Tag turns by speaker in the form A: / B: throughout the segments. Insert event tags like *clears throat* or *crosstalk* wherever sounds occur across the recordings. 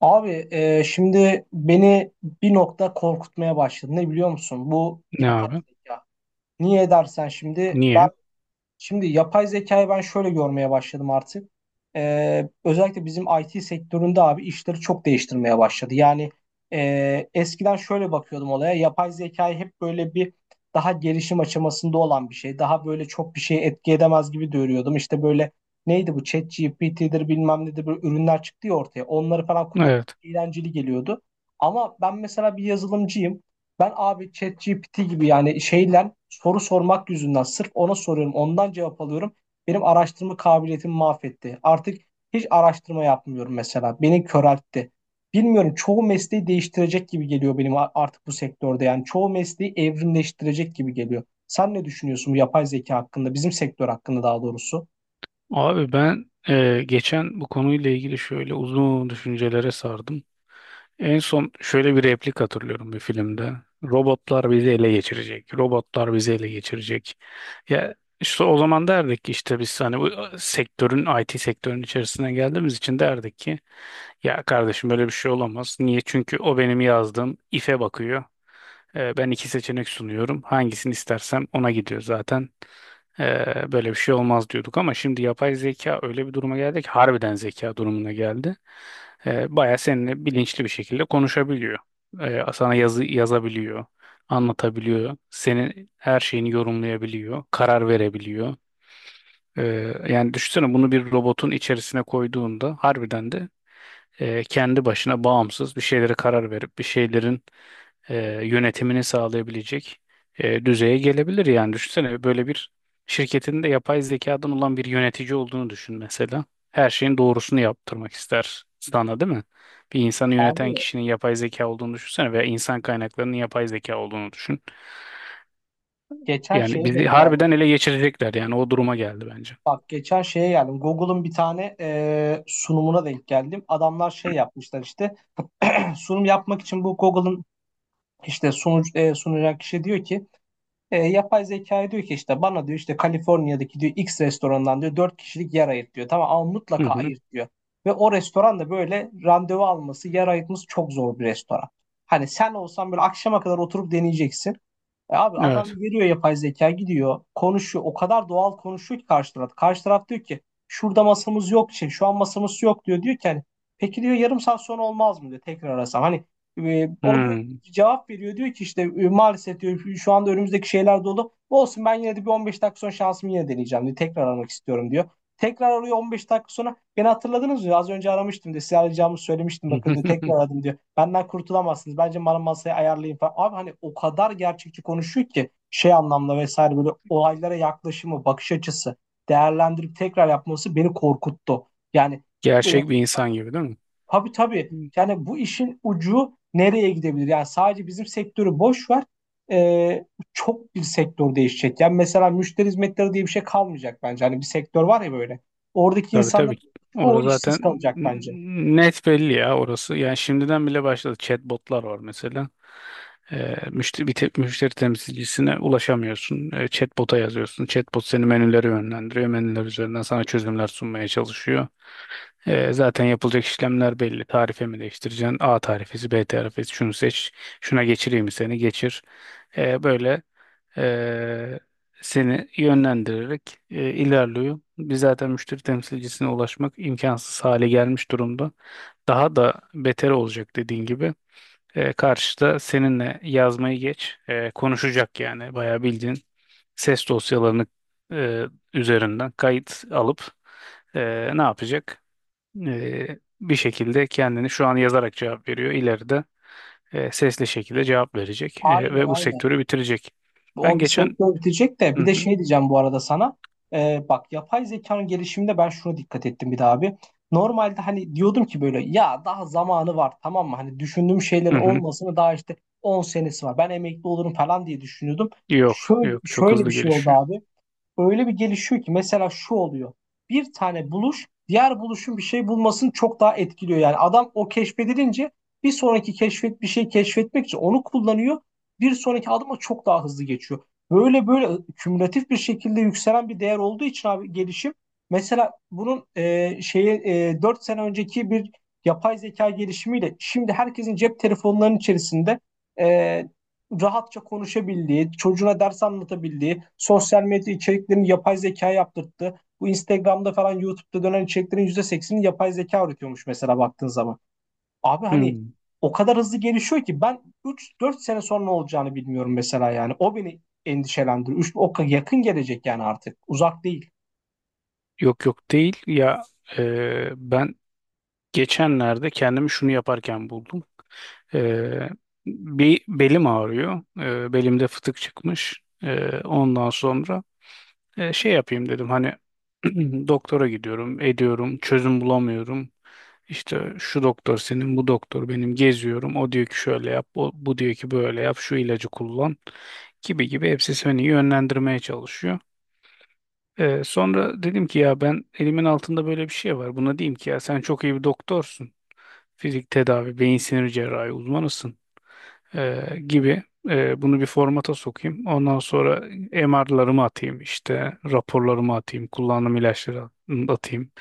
A: Abi şimdi beni bir nokta korkutmaya başladı. Ne biliyor musun? Bu
B: Ne
A: yapay
B: abi?
A: zeka. Niye dersen şimdi ben.
B: Niye?
A: Şimdi yapay zekayı ben şöyle görmeye başladım artık. Özellikle bizim IT sektöründe abi işleri çok değiştirmeye başladı. Yani, eskiden şöyle bakıyordum olaya. Yapay zekayı hep böyle bir daha gelişim aşamasında olan bir şey. Daha böyle çok bir şey etki edemez gibi görüyordum. İşte böyle neydi bu ChatGPT'dir bilmem nedir böyle ürünler çıktı ya ortaya. Onları falan kullanmak
B: Evet.
A: eğlenceli geliyordu. Ama ben mesela bir yazılımcıyım. Ben abi ChatGPT gibi yani şeyle soru sormak yüzünden sırf ona soruyorum, ondan cevap alıyorum. Benim araştırma kabiliyetimi mahvetti. Artık hiç araştırma yapmıyorum mesela. Beni köreltti. Bilmiyorum, çoğu mesleği değiştirecek gibi geliyor benim artık bu sektörde. Yani çoğu mesleği evrimleştirecek gibi geliyor. Sen ne düşünüyorsun bu yapay zeka hakkında, bizim sektör hakkında daha doğrusu?
B: Abi ben geçen bu konuyla ilgili şöyle uzun düşüncelere sardım. En son şöyle bir replik hatırlıyorum bir filmde. Robotlar bizi ele geçirecek. Robotlar bizi ele geçirecek. Ya işte o zaman derdik ki işte biz hani bu sektörün IT sektörün içerisine geldiğimiz için derdik ki ya kardeşim böyle bir şey olamaz. Niye? Çünkü o benim yazdığım ife bakıyor. Ben iki seçenek sunuyorum. Hangisini istersem ona gidiyor zaten. Böyle bir şey olmaz diyorduk ama şimdi yapay zeka öyle bir duruma geldi ki harbiden zeka durumuna geldi. Baya seninle bilinçli bir şekilde konuşabiliyor. Sana yazı yazabiliyor, anlatabiliyor, senin her şeyini yorumlayabiliyor, karar verebiliyor. Ee, yani düşünsene bunu bir robotun içerisine koyduğunda harbiden de kendi başına bağımsız bir şeylere karar verip bir şeylerin e, yönetimini sağlayabilecek düzeye gelebilir yani. Düşünsene böyle bir şirketin de yapay zekadan olan bir yönetici olduğunu düşün mesela. Her şeyin doğrusunu yaptırmak ister sana, değil mi? Bir insanı yöneten
A: Abi
B: kişinin yapay zeka olduğunu düşünsene veya insan kaynaklarının yapay zeka olduğunu düşün.
A: geçen
B: Yani
A: şeye
B: bizi
A: denk geldim.
B: harbiden ele geçirecekler, yani o duruma geldi bence.
A: Bak geçen şeye geldim. Google'ın bir tane sunumuna denk geldim. Adamlar şey yapmışlar işte. Sunum yapmak için bu Google'ın işte sunucu, sunacak kişi diyor ki yapay zekaya diyor ki işte bana diyor işte Kaliforniya'daki diyor X restorandan diyor 4 kişilik yer ayırt diyor. Tamam ama
B: Hı
A: mutlaka
B: hı.
A: ayırt diyor. Ve o restoran da böyle randevu alması, yer ayırtması çok zor bir restoran. Hani sen olsan böyle akşama kadar oturup deneyeceksin. E abi adam
B: Evet.
A: veriyor, yapay zeka gidiyor konuşuyor, o kadar doğal konuşuyor ki karşı taraf. Karşı taraf diyor ki şurada masamız yok, şey, şu an masamız yok diyor. Diyor ki hani peki diyor yarım saat sonra olmaz mı diyor tekrar arasam. Hani o diyor
B: Hmm.
A: cevap veriyor diyor ki işte maalesef diyor şu anda önümüzdeki şeyler dolu. Olsun, ben yine de bir 15 dakika sonra şansımı yine deneyeceğim diyor. Tekrar aramak istiyorum diyor. Tekrar arıyor 15 dakika sonra. Beni hatırladınız mı? Az önce aramıştım diyor. Size arayacağımı söylemiştim bakın diyor. Tekrar
B: *laughs*
A: aradım diyor. Benden kurtulamazsınız. Bence bana masayı ayarlayın falan. Abi hani o kadar gerçekçi konuşuyor ki şey anlamda vesaire, böyle olaylara yaklaşımı, bakış açısı değerlendirip tekrar yapması beni korkuttu. Yani. e,
B: Gerçek bir insan gibi, değil mi?
A: Tabii tabii. Yani bu işin ucu nereye gidebilir? Yani sadece bizim sektörü boş ver. Ee, çok bir sektör değişecek. Yani mesela müşteri hizmetleri diye bir şey kalmayacak bence. Hani bir sektör var ya böyle. Oradaki
B: Tabii, tabii.
A: insanların çoğu
B: Orası
A: işsiz
B: zaten
A: kalacak bence.
B: net belli ya orası. Yani şimdiden bile başladı. Chatbotlar var mesela. Müşteri temsilcisine ulaşamıyorsun. Chatbot'a yazıyorsun. Chatbot seni menülere yönlendiriyor. Menüler üzerinden sana çözümler sunmaya çalışıyor. Zaten yapılacak işlemler belli. Tarife mi değiştireceksin? A tarifesi, B tarifesi. Şunu seç. Şuna geçireyim mi seni? Geçir. Böyle ee, seni yönlendirerek ilerliyor. Biz zaten müşteri temsilcisine ulaşmak imkansız hale gelmiş durumda. Daha da beter olacak dediğin gibi. Karşıda seninle yazmayı geç, konuşacak yani bayağı bildiğin ses dosyalarını e, üzerinden kayıt alıp e, ne yapacak? Bir şekilde kendini şu an yazarak cevap veriyor. İleride sesli şekilde cevap verecek
A: Aynen
B: ve bu
A: aynen.
B: sektörü bitirecek. Ben
A: O bir
B: geçen...
A: sektör bitecek de
B: Hı
A: bir de
B: hı.
A: şey diyeceğim bu arada sana. Bak yapay zekanın gelişiminde ben şuna dikkat ettim bir daha abi. Normalde hani diyordum ki böyle ya daha zamanı var, tamam mı? Hani düşündüğüm şeylerin
B: Hı hı.
A: olmasını daha işte 10 senesi var. Ben emekli olurum falan diye düşünüyordum.
B: Yok,
A: Şöyle
B: yok, çok
A: şöyle bir
B: hızlı
A: şey oldu
B: gelişiyor.
A: abi, öyle bir gelişiyor ki mesela şu oluyor. Bir tane buluş diğer buluşun bir şey bulmasını çok daha etkiliyor. Yani adam o keşfedilince bir sonraki keşfet bir şey keşfetmek için onu kullanıyor. Bir sonraki adıma çok daha hızlı geçiyor. Böyle böyle kümülatif bir şekilde yükselen bir değer olduğu için abi gelişim. Mesela bunun şeyi 4 sene önceki bir yapay zeka gelişimiyle şimdi herkesin cep telefonlarının içerisinde e, rahatça konuşabildiği, çocuğuna ders anlatabildiği, sosyal medya içeriklerini yapay zeka yaptırttı. Bu Instagram'da falan YouTube'da dönen içeriklerin %80'ini yapay zeka üretiyormuş mesela baktığın zaman. Abi hani
B: Hmm.
A: o kadar hızlı gelişiyor ki ben 3-4 sene sonra ne olacağını bilmiyorum mesela yani. O beni endişelendiriyor. Yakın gelecek yani artık. Uzak değil.
B: Yok, yok, değil ya, ben geçenlerde kendimi şunu yaparken buldum. E, bir belim ağrıyor. Belimde fıtık çıkmış. Ondan sonra şey yapayım dedim hani, *clears throat* doktora gidiyorum ediyorum, çözüm bulamıyorum. İşte şu doktor senin, bu doktor benim geziyorum. O diyor ki şöyle yap, bu diyor ki böyle yap, şu ilacı kullan gibi gibi, hepsi seni yönlendirmeye çalışıyor. Sonra dedim ki ya, ben, elimin altında böyle bir şey var. Buna diyeyim ki ya sen çok iyi bir doktorsun. Fizik tedavi, beyin sinir cerrahi uzmanısın gibi. Bunu bir formata sokayım. Ondan sonra MR'larımı atayım, işte raporlarımı atayım, kullandığım ilaçları atayım,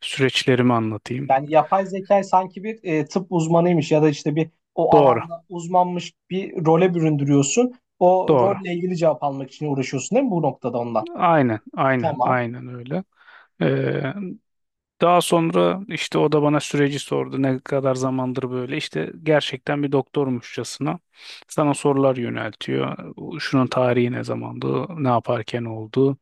B: süreçlerimi anlatayım.
A: Yani yapay zeka sanki bir tıp uzmanıymış ya da işte bir o
B: Doğru,
A: alanda uzmanmış bir role büründürüyorsun. O
B: doğru.
A: rolle ilgili cevap almak için uğraşıyorsun değil mi bu noktada ondan?
B: Aynen, aynen,
A: Tamam.
B: aynen öyle. Daha sonra işte o da bana süreci sordu. Ne kadar zamandır böyle? İşte gerçekten bir doktormuşçasına sana sorular yöneltiyor. Şunun tarihi ne zamandı, ne yaparken oldu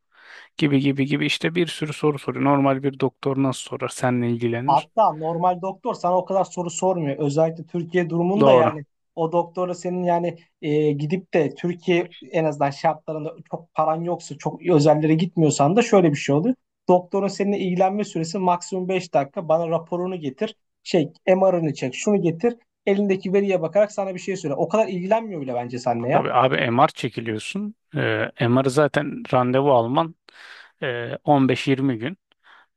B: gibi gibi gibi işte, bir sürü soru soruyor. Normal bir doktor nasıl sorar, seninle ilgilenir.
A: Hatta normal doktor sana o kadar soru sormuyor. Özellikle Türkiye durumunda
B: Doğru.
A: yani o doktora senin yani gidip de Türkiye en azından şartlarında çok paran yoksa çok özellere gitmiyorsan da şöyle bir şey oluyor. Doktorun seninle ilgilenme süresi maksimum 5 dakika. Bana raporunu getir. Şey MR'ını çek. Şunu getir. Elindeki veriye bakarak sana bir şey söyle. O kadar ilgilenmiyor bile bence seninle ya.
B: Tabii abi, MR çekiliyorsun. MR'ı zaten randevu alman e, 15-20 gün.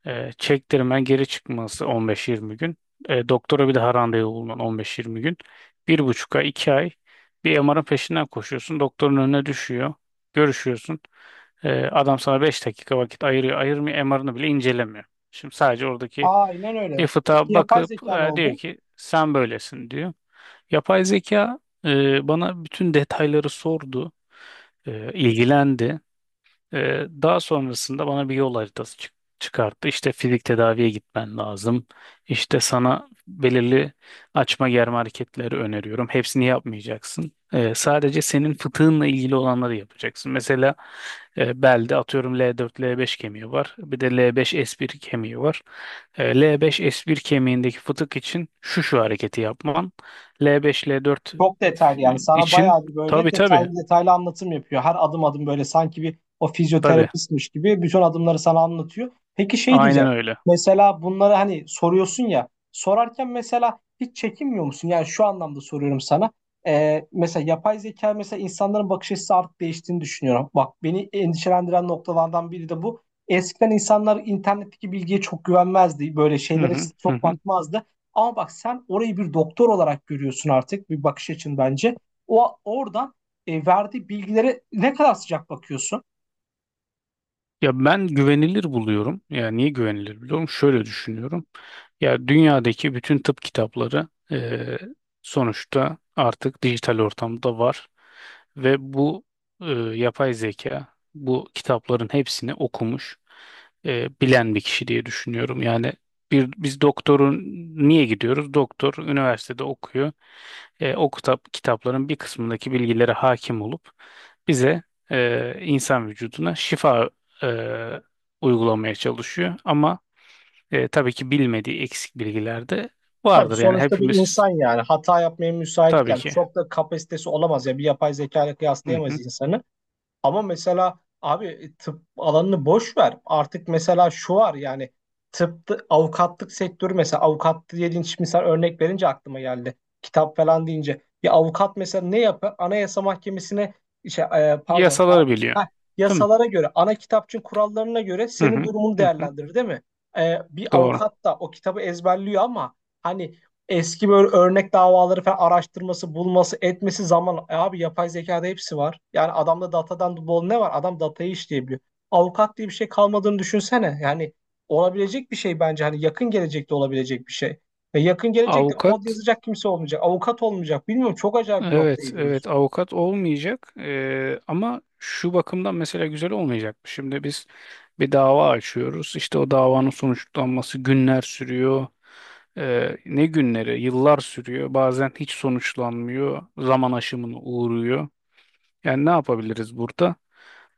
B: Çektirmen geri, çıkması 15-20 gün. Doktora bir daha randevu bulman 15-20 gün. 1,5 ay, 2 ay bir MR'ın peşinden koşuyorsun. Doktorun önüne düşüyor. Görüşüyorsun. Adam sana 5 dakika vakit ayırıyor. Ayırmıyor. MR'ını bile incelemiyor. Şimdi sadece oradaki
A: Aynen öyle.
B: bir fıtığa
A: Yapay
B: bakıp
A: zeka ne
B: diyor
A: oldu?
B: ki sen böylesin diyor. Yapay zeka bana bütün detayları sordu. E, ilgilendi. Daha sonrasında bana bir yol haritası çıkarttı. İşte fizik tedaviye gitmen lazım. İşte sana belirli açma germe hareketleri öneriyorum. Hepsini yapmayacaksın. Sadece senin fıtığınla ilgili olanları yapacaksın. Mesela belde atıyorum L4 L5 kemiği var. Bir de L5 S1 kemiği var. L beş s bir kemiğindeki fıtık için şu şu hareketi yapman. L5 L4
A: Çok detaylı yani, sana
B: için,
A: bayağı bir böyle
B: tabii,
A: detaylı
B: tabii,
A: detaylı anlatım yapıyor. Her adım adım böyle sanki bir o
B: tabii,
A: fizyoterapistmiş gibi bütün adımları sana anlatıyor. Peki şey
B: aynen
A: diyeceğim.
B: öyle.
A: Mesela bunları hani soruyorsun ya, sorarken mesela hiç çekinmiyor musun? Yani şu anlamda soruyorum sana. Mesela yapay zeka mesela insanların bakış açısı artık değiştiğini düşünüyorum. Bak beni endişelendiren noktalardan biri de bu. Eskiden insanlar internetteki bilgiye çok güvenmezdi. Böyle
B: Hı
A: şeylere
B: hı, hı
A: çok
B: hı.
A: bakmazdı. Ama bak sen orayı bir doktor olarak görüyorsun artık bir bakış açın bence. O oradan verdiği bilgilere ne kadar sıcak bakıyorsun.
B: Ya ben güvenilir buluyorum. Ya niye güvenilir buluyorum? Şöyle düşünüyorum. Ya dünyadaki bütün tıp kitapları sonuçta artık dijital ortamda var ve bu yapay zeka bu kitapların hepsini okumuş, bilen bir kişi diye düşünüyorum. Yani bir, biz doktorun niye gidiyoruz? Doktor üniversitede okuyor. O kitapların bir kısmındaki bilgilere hakim olup bize insan vücuduna şifa e, uygulamaya çalışıyor. Ama tabii ki bilmediği eksik bilgiler de
A: Tabii
B: vardır. Yani
A: sonuçta bir
B: hepimiz,
A: insan yani hata yapmaya müsait,
B: tabii
A: yani
B: ki.
A: çok da kapasitesi olamaz ya, bir yapay zeka ile
B: Hı
A: kıyaslayamayız
B: hı.
A: insanı. Ama mesela abi tıp alanını boş ver. Artık mesela şu var yani tıpta avukatlık sektörü, mesela avukat dediğin şimdi sen örnek verince aklıma geldi. Kitap falan deyince bir avukat mesela ne yapar? Anayasa Mahkemesi'ne şey, e, pardon a-
B: Yasaları biliyor.
A: heh,
B: Değil mi?
A: yasalara göre ana kitapçığın kurallarına göre
B: Hı
A: senin
B: hı.
A: durumunu
B: Hı hı.
A: değerlendirir değil mi? Bir
B: Doğru.
A: avukat da o kitabı ezberliyor ama hani eski böyle örnek davaları falan araştırması, bulması, etmesi zaman. E abi yapay zekada hepsi var. Yani adamda datadan bol ne var? Adam datayı işleyebiliyor. Avukat diye bir şey kalmadığını düşünsene. Yani olabilecek bir şey bence. Hani yakın gelecekte olabilecek bir şey. Ve yakın gelecekte
B: Avukat
A: kod yazacak kimse olmayacak. Avukat olmayacak. Bilmiyorum, çok acayip bir noktaya
B: evet,
A: gidiyoruz.
B: evet, avukat olmayacak. Ama şu bakımdan mesela güzel olmayacak. Şimdi biz bir dava açıyoruz. İşte o davanın sonuçlanması günler sürüyor. Ne günleri? Yıllar sürüyor. Bazen hiç sonuçlanmıyor. Zaman aşımına uğruyor. Yani ne yapabiliriz burada?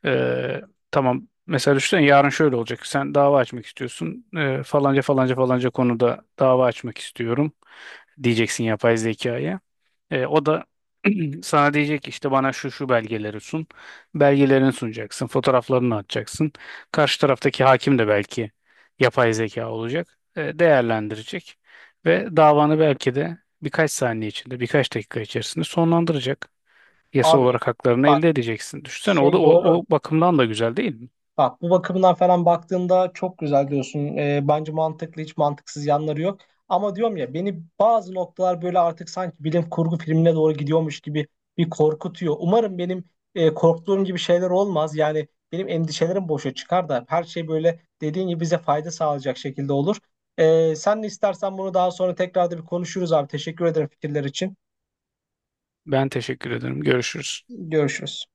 B: Ee, tamam, mesela düşünsene yarın şöyle olacak. Sen dava açmak istiyorsun. Falanca falanca falanca konuda dava açmak istiyorum, diyeceksin yapay zekaya. O da *clears throat* sana diyecek ki işte bana şu şu belgeleri sun. Belgelerini sunacaksın, fotoğraflarını atacaksın. Karşı taraftaki hakim de belki yapay zeka olacak. Değerlendirecek ve davanı belki de birkaç saniye içinde, birkaç dakika içerisinde sonlandıracak, yasal
A: Abi
B: olarak haklarını
A: bak,
B: elde edeceksin. Düşünsene, o da
A: şey doğru.
B: o bakımdan da güzel, değil mi?
A: Bak bu bakımdan falan baktığında çok güzel diyorsun. Bence mantıklı, hiç mantıksız yanları yok. Ama diyorum ya beni bazı noktalar böyle artık sanki bilim kurgu filmine doğru gidiyormuş gibi bir korkutuyor. Umarım benim korktuğum gibi şeyler olmaz. Yani benim endişelerim boşa çıkar da her şey böyle dediğin gibi bize fayda sağlayacak şekilde olur. Sen de istersen bunu daha sonra tekrar da bir konuşuruz abi. Teşekkür ederim fikirler için.
B: Ben teşekkür ederim. Görüşürüz.
A: Görüşürüz.